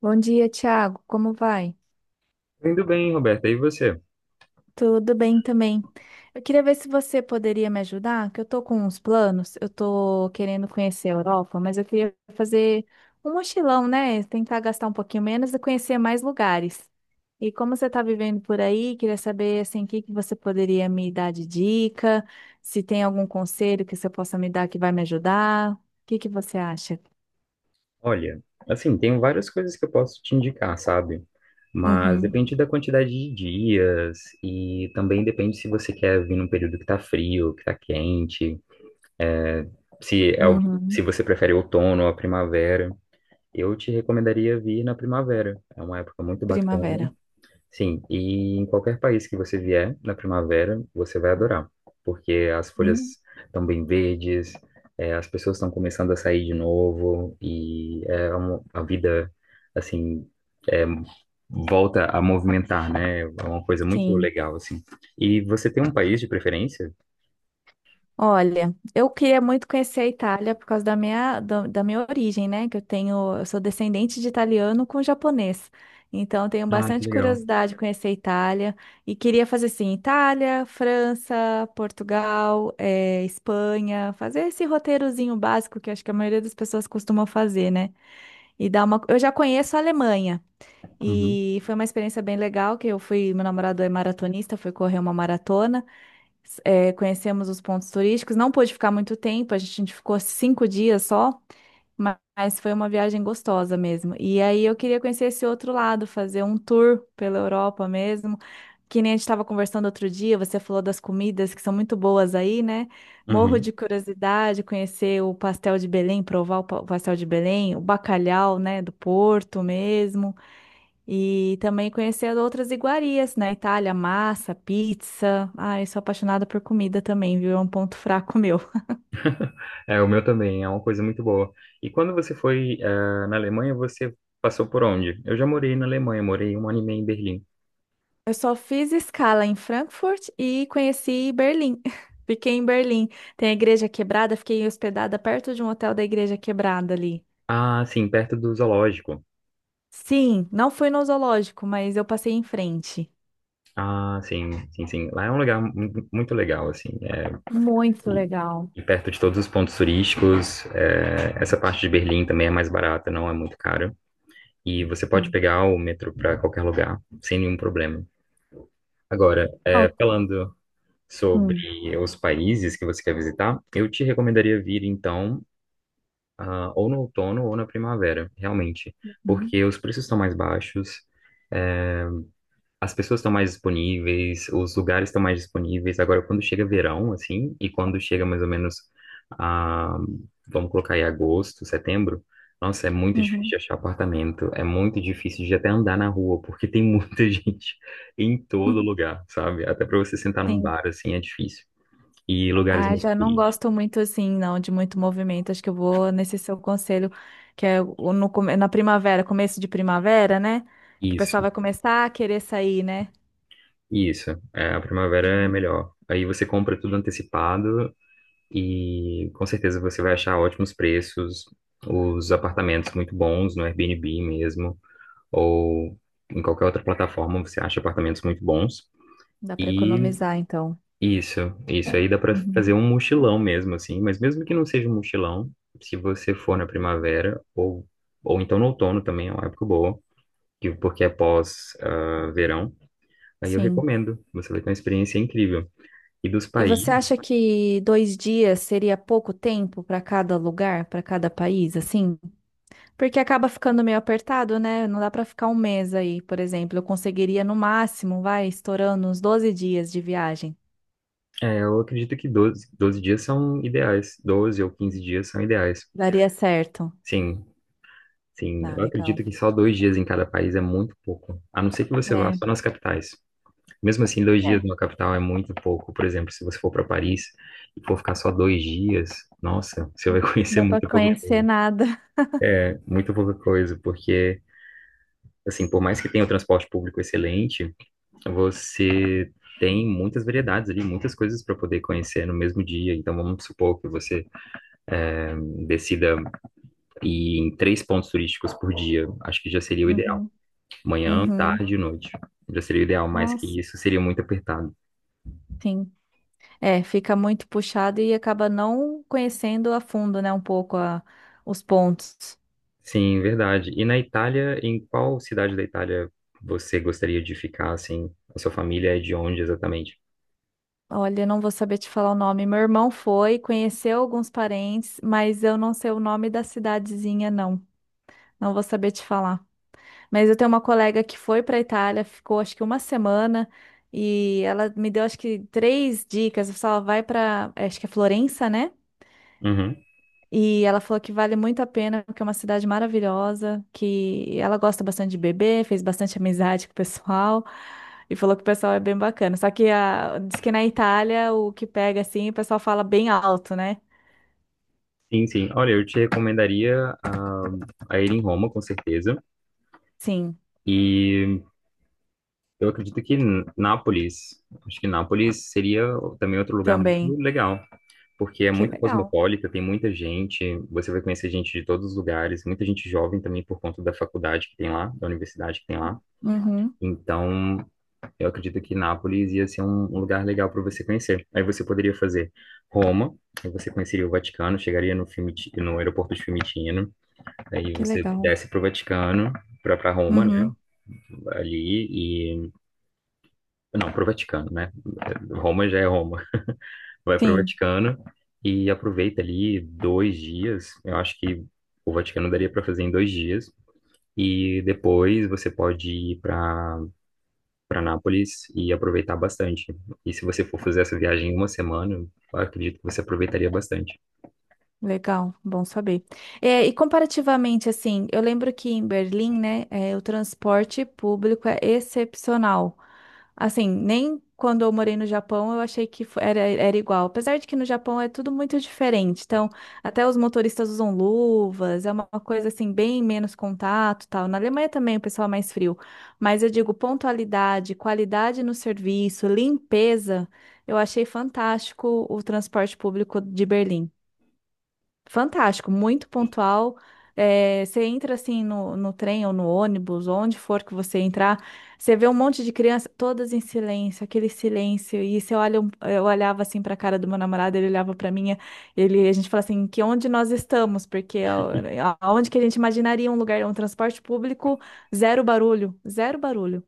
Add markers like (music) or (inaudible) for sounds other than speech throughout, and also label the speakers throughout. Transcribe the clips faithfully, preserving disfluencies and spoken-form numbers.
Speaker 1: Bom dia, Thiago. Como vai?
Speaker 2: Indo bem, Roberta. E você?
Speaker 1: Tudo bem também. Eu queria ver se você poderia me ajudar, que eu tô com uns planos. Eu tô querendo conhecer a Europa, mas eu queria fazer um mochilão, né? Tentar gastar um pouquinho menos e conhecer mais lugares. E como você tá vivendo por aí, queria saber assim, o que que você poderia me dar de dica, se tem algum conselho que você possa me dar que vai me ajudar. O que que você acha?
Speaker 2: Olha, assim, tem várias coisas que eu posso te indicar, sabe? Mas
Speaker 1: Uhum,
Speaker 2: depende da quantidade de dias e também depende se você quer vir num período que tá frio, que tá quente, se é o-
Speaker 1: uhum.
Speaker 2: se você prefere outono ou a primavera. Eu te recomendaria vir na primavera. É uma época muito bacana.
Speaker 1: Primavera.
Speaker 2: Sim, e em qualquer país que você vier na primavera, você vai adorar, porque as
Speaker 1: Hum,
Speaker 2: folhas estão bem verdes, eh, as pessoas estão começando a sair de novo, e é uma, a vida, assim, eh, volta a movimentar, né? É uma coisa muito
Speaker 1: sim.
Speaker 2: legal, assim. E você tem um país de preferência?
Speaker 1: Olha, eu queria muito conhecer a Itália por causa da minha, da, da minha origem, né? Que eu tenho, eu sou descendente de italiano com japonês. Então, eu tenho
Speaker 2: Ah, que
Speaker 1: bastante
Speaker 2: legal.
Speaker 1: curiosidade de conhecer a Itália e queria fazer assim, Itália, França, Portugal, eh, Espanha, fazer esse roteirozinho básico que eu acho que a maioria das pessoas costumam fazer, né? E dar uma, eu já conheço a Alemanha.
Speaker 2: Uhum.
Speaker 1: E foi uma experiência bem legal que eu fui, meu namorado é maratonista, foi correr uma maratona é, conhecemos os pontos turísticos. Não pôde ficar muito tempo, a gente ficou cinco dias só, ma- mas foi uma viagem gostosa mesmo. E aí eu queria conhecer esse outro lado, fazer um tour pela Europa mesmo. Que nem a gente estava conversando outro dia, você falou das comidas que são muito boas aí, né? Morro
Speaker 2: Uhum.
Speaker 1: de curiosidade, conhecer o pastel de Belém, provar o pa- o pastel de Belém, o bacalhau, né, do Porto mesmo. E também conhecer outras iguarias na Itália, massa, pizza. Ai, sou apaixonada por comida também, viu? É um ponto fraco (laughs) meu.
Speaker 2: É, o meu também, é uma coisa muito boa. E quando você foi, eh, na Alemanha, você passou por onde? Eu já morei na Alemanha, morei um ano e meio em Berlim.
Speaker 1: Eu só fiz escala em Frankfurt e conheci Berlim. (laughs) Fiquei em Berlim. Tem a Igreja Quebrada, fiquei hospedada perto de um hotel da Igreja Quebrada ali.
Speaker 2: Ah, sim, perto do zoológico.
Speaker 1: Sim, não fui no zoológico, mas eu passei em frente.
Speaker 2: Ah, sim, sim, sim. Lá é um lugar mu- muito legal, assim. É,
Speaker 1: Muito
Speaker 2: e,
Speaker 1: legal.
Speaker 2: e perto de todos os pontos turísticos. É, essa parte de Berlim também é mais barata, não é muito cara. E você pode
Speaker 1: Hum.
Speaker 2: pegar o metrô para qualquer lugar, sem nenhum problema. Agora, é,
Speaker 1: Ah,
Speaker 2: falando
Speaker 1: hum.
Speaker 2: sobre os países que você quer visitar, eu te recomendaria vir, então, ah, ou no outono ou na primavera, realmente.
Speaker 1: Uhum.
Speaker 2: Porque os preços estão mais baixos. é, As pessoas estão mais disponíveis, os lugares estão mais disponíveis. Agora, quando chega verão, assim, e quando chega mais ou menos, a, vamos colocar aí agosto, setembro, nossa, é muito difícil
Speaker 1: Uhum.
Speaker 2: de achar apartamento, é muito difícil de até andar na rua, porque tem muita (laughs) gente em todo
Speaker 1: (laughs)
Speaker 2: lugar, sabe? Até para você sentar num
Speaker 1: Sim.
Speaker 2: bar, assim, é difícil. E lugares
Speaker 1: Ah,
Speaker 2: muito
Speaker 1: já não gosto
Speaker 2: turísticos.
Speaker 1: muito assim, não, de muito movimento. Acho que eu vou nesse seu conselho, que é o- no, come- na primavera, começo de primavera, né? Que o pessoal
Speaker 2: Isso,
Speaker 1: vai começar a querer sair, né?
Speaker 2: isso. É, a primavera é
Speaker 1: Uhum.
Speaker 2: melhor. Aí você compra tudo antecipado. E com certeza você vai achar ótimos preços, os apartamentos muito bons no Airbnb mesmo, ou em qualquer outra plataforma você acha apartamentos muito bons.
Speaker 1: Dá para
Speaker 2: E
Speaker 1: economizar, então.
Speaker 2: isso, isso aí dá para fazer
Speaker 1: Uhum.
Speaker 2: um mochilão mesmo, assim, mas mesmo que não seja um mochilão, se você for na primavera, ou, ou então no outono também é uma época boa, que- porque é pós, ah, verão, aí eu
Speaker 1: Sim.
Speaker 2: recomendo, você vai ter uma experiência incrível. E dos
Speaker 1: E você
Speaker 2: países.
Speaker 1: acha que dois dias seria pouco tempo para cada lugar, para cada país, assim? Porque acaba ficando meio apertado, né? Não dá para ficar um mês aí, por exemplo. Eu conseguiria no máximo, vai, estourando uns doze dias de viagem.
Speaker 2: É, eu acredito que doze doze dias são ideais. Doze ou quinze dias são ideais.
Speaker 1: Daria certo.
Speaker 2: Sim, sim.
Speaker 1: Ah,
Speaker 2: Eu
Speaker 1: legal.
Speaker 2: acredito que só dois dias em cada país é muito pouco. A não ser que você vá
Speaker 1: É,
Speaker 2: só nas capitais. Mesmo assim, dois dias
Speaker 1: é,
Speaker 2: numa capital é muito pouco. Por exemplo, se você for para Paris e for ficar só dois dias, nossa, você vai (laughs)
Speaker 1: não
Speaker 2: conhecer
Speaker 1: dá pra
Speaker 2: muito pouca
Speaker 1: conhecer
Speaker 2: coisa.
Speaker 1: nada.
Speaker 2: É, muito pouca coisa, porque, assim, por mais que tenha o transporte público excelente, você. Tem muitas variedades ali, muitas coisas para poder conhecer no mesmo dia. Então, vamos supor que você eh, decida e em três pontos turísticos por dia, acho que já seria o ideal.
Speaker 1: Uhum,
Speaker 2: Manhã,
Speaker 1: uhum.
Speaker 2: tarde e noite. Já seria o ideal, mais
Speaker 1: Nossa.
Speaker 2: que isso seria muito apertado.
Speaker 1: Sim. É, fica muito puxado e acaba não conhecendo a fundo, né, um pouco a- os pontos.
Speaker 2: Sim, verdade. E na Itália, em qual cidade da Itália você gostaria de ficar, assim? A sua família é de onde exatamente?
Speaker 1: Olha, eu não vou saber te falar o nome. Meu irmão foi, conheceu alguns parentes, mas eu não sei o nome da cidadezinha, não. Não vou saber te falar. Mas eu tenho uma colega que foi para Itália, ficou acho que uma semana e ela me deu acho que três dicas. Eu falava, vai para, acho que é Florença, né?
Speaker 2: Uhum.
Speaker 1: E ela falou que vale muito a pena, porque é uma cidade maravilhosa, que ela gosta bastante de beber, fez bastante amizade com o pessoal, e falou que o pessoal é bem bacana. Só que a, diz que na Itália o que pega assim, o pessoal fala bem alto, né?
Speaker 2: Sim, sim. Olha, eu te recomendaria a, a ir em Roma, com certeza.
Speaker 1: Sim,
Speaker 2: E eu acredito que N- Nápoles, acho que Nápoles seria também outro lugar muito
Speaker 1: também.
Speaker 2: legal, porque é
Speaker 1: Que
Speaker 2: muito
Speaker 1: legal.
Speaker 2: cosmopolita, tem muita gente, você vai conhecer gente de todos os lugares, muita gente jovem também por conta da faculdade que tem lá, da universidade que tem lá.
Speaker 1: Uhum,
Speaker 2: Então, eu acredito que Nápoles ia ser um, um lugar legal para você conhecer. Aí você poderia fazer Roma, aí você conheceria o Vaticano, chegaria no Fiumiti- no aeroporto de Fiumicino, aí
Speaker 1: que
Speaker 2: você
Speaker 1: legal.
Speaker 2: desce para o Vaticano, para Roma, né?
Speaker 1: Uhum,
Speaker 2: Ali e não, para o Vaticano, né? Roma já é Roma. Vai para o
Speaker 1: sim.
Speaker 2: Vaticano e aproveita ali dois dias. Eu acho que o Vaticano daria para fazer em dois dias. E depois você pode ir para para Nápoles e aproveitar bastante. E se você for fazer essa viagem em uma semana, eu acredito que você aproveitaria bastante.
Speaker 1: Legal, bom saber. É, e comparativamente, assim, eu lembro que em Berlim, né, é, o transporte público é excepcional. Assim, nem quando eu morei no Japão eu achei que fo- era, era igual. Apesar de que no Japão é tudo muito diferente. Então, até os motoristas usam luvas, é uma coisa assim, bem menos contato, tal. Na Alemanha também o pessoal é mais frio. Mas eu digo pontualidade, qualidade no serviço, limpeza, eu achei fantástico o transporte público de Berlim. Fantástico, muito pontual. É, você entra assim no, no trem ou no ônibus, onde for que você entrar, você vê um monte de criança, todas em silêncio, aquele silêncio. E você olha, um- eh, eu olhava assim para a cara do meu namorado, ele olhava para minha, ele, a gente fala assim, que onde nós estamos? Porque a- aonde que a gente imaginaria um lugar, um transporte público, zero barulho, zero barulho.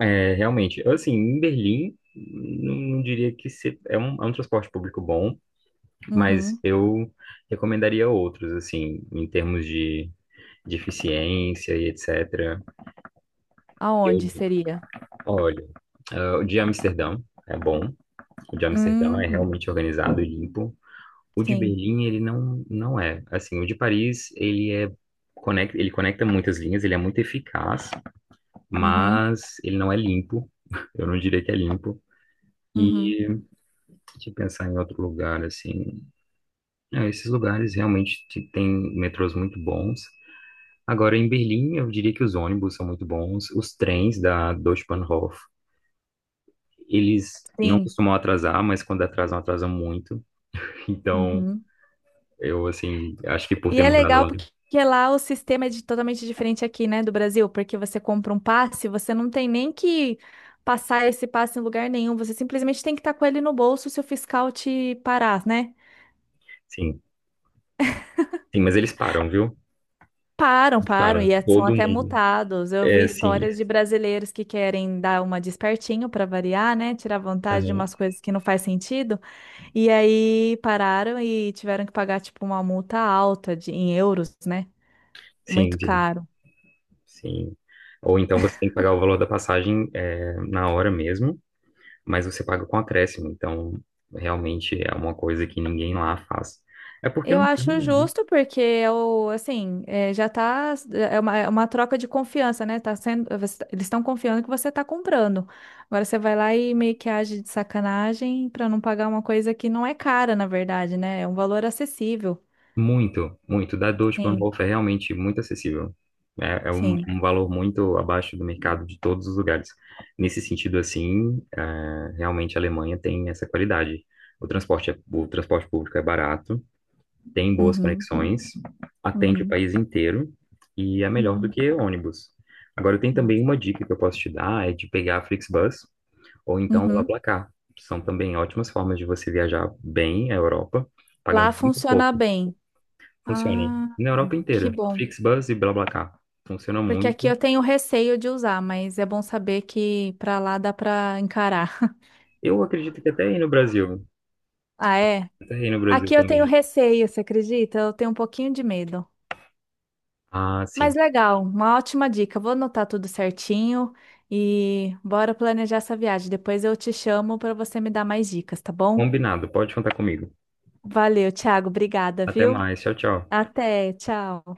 Speaker 2: É, realmente, eu, assim, em Berlim, não, não diria que se- é um, é um transporte público bom, mas
Speaker 1: Uhum.
Speaker 2: eu recomendaria outros, assim, em termos de, de eficiência e etcétera. Eu
Speaker 1: Aonde seria?
Speaker 2: Olha, ah, o de Amsterdã é bom. O de Amsterdã é
Speaker 1: Hum,
Speaker 2: realmente organizado e limpo. O de
Speaker 1: sim.
Speaker 2: Berlim, ele não, não é. Assim, o de Paris, ele é conecta, ele conecta muitas linhas, ele é muito eficaz,
Speaker 1: Uhum,
Speaker 2: mas ele não é limpo. (laughs) Eu não diria que é limpo.
Speaker 1: uhum,
Speaker 2: E deixa eu pensar em outro lugar, assim. É, esses lugares realmente te- têm metrôs muito bons. Agora, em Berlim, eu diria que os ônibus são muito bons. Os trens da Deutsche Bahnhof. Eles não
Speaker 1: sim.
Speaker 2: costumam atrasar, mas quando atrasam, atrasam muito. Então,
Speaker 1: Uhum.
Speaker 2: eu, assim, acho que por
Speaker 1: E
Speaker 2: ter
Speaker 1: é
Speaker 2: mudado
Speaker 1: legal
Speaker 2: lá.
Speaker 1: porque lá o sistema é de- totalmente diferente aqui, né, do Brasil, porque você compra um passe, você não tem nem que passar esse passe em lugar nenhum, você simplesmente tem que estar com ele no bolso se o fiscal te parar, né?
Speaker 2: Sim, sim, mas eles param, viu?
Speaker 1: Param,
Speaker 2: Eles
Speaker 1: param,
Speaker 2: param,
Speaker 1: e é- são
Speaker 2: todo
Speaker 1: até
Speaker 2: mundo.
Speaker 1: multados. Eu vi
Speaker 2: É, sim,
Speaker 1: histórias de brasileiros que querem dar uma despertinho para variar, né? Tirar vantagem de
Speaker 2: aham,
Speaker 1: umas coisas que não faz sentido. E aí pararam e tiveram que pagar, tipo, uma multa alta de, em euros, né?
Speaker 2: sim,
Speaker 1: Muito
Speaker 2: sim,
Speaker 1: caro.
Speaker 2: sim. Ou então você tem que pagar o valor da passagem é, na hora mesmo, mas você paga com acréscimo. Então, realmente é uma coisa que ninguém lá faz. É porque
Speaker 1: Eu
Speaker 2: não tem,
Speaker 1: acho
Speaker 2: né?
Speaker 1: justo, porque eu, assim, eh, já tá, é uma, é uma troca de confiança, né? Tá sendo, você- tá, eles estão confiando que você tá comprando. Agora você vai lá e meio que age de sacanagem para não pagar uma coisa que não é cara, na verdade, né? É um valor acessível.
Speaker 2: Muito, muito. Da Deutsche
Speaker 1: Sim,
Speaker 2: Bahnhof é realmente muito acessível. É, é um,
Speaker 1: sim.
Speaker 2: um valor muito abaixo do mercado de todos os lugares. Nesse sentido, assim, é, realmente a Alemanha tem essa qualidade. O transporte, é- o transporte público é barato, tem boas
Speaker 1: Uhum,
Speaker 2: conexões, atende o
Speaker 1: uhum,
Speaker 2: país inteiro e é melhor do
Speaker 1: uhum.
Speaker 2: que ônibus. Agora, tem também
Speaker 1: Nossa.
Speaker 2: uma dica que eu posso te dar, é de pegar a Flixbus ou então o
Speaker 1: Uhum.
Speaker 2: BlaBlaCar. São também ótimas formas de você viajar bem a Europa,
Speaker 1: Lá
Speaker 2: pagando muito
Speaker 1: funciona
Speaker 2: pouco.
Speaker 1: bem.
Speaker 2: Funciona.
Speaker 1: Ah,
Speaker 2: Na Europa
Speaker 1: que
Speaker 2: inteira.
Speaker 1: bom.
Speaker 2: Flixbus e BlaBlaCar. Funciona
Speaker 1: Porque aqui
Speaker 2: muito.
Speaker 1: eu tenho receio de usar, mas é bom saber que para lá dá para encarar.
Speaker 2: Eu acredito que até aí no Brasil.
Speaker 1: Ah, é?
Speaker 2: Até aí no
Speaker 1: Aqui
Speaker 2: Brasil
Speaker 1: eu tenho
Speaker 2: também.
Speaker 1: receio, você acredita? Eu tenho um pouquinho de medo.
Speaker 2: Ah,
Speaker 1: Mas
Speaker 2: sim.
Speaker 1: legal, uma ótima dica. Vou anotar tudo certinho e bora planejar essa viagem. Depois eu te chamo para você me dar mais dicas, tá bom?
Speaker 2: Combinado. Pode contar comigo.
Speaker 1: Valeu, Thiago. Obrigada,
Speaker 2: Até
Speaker 1: viu?
Speaker 2: mais. Tchau, tchau.
Speaker 1: Até, tchau.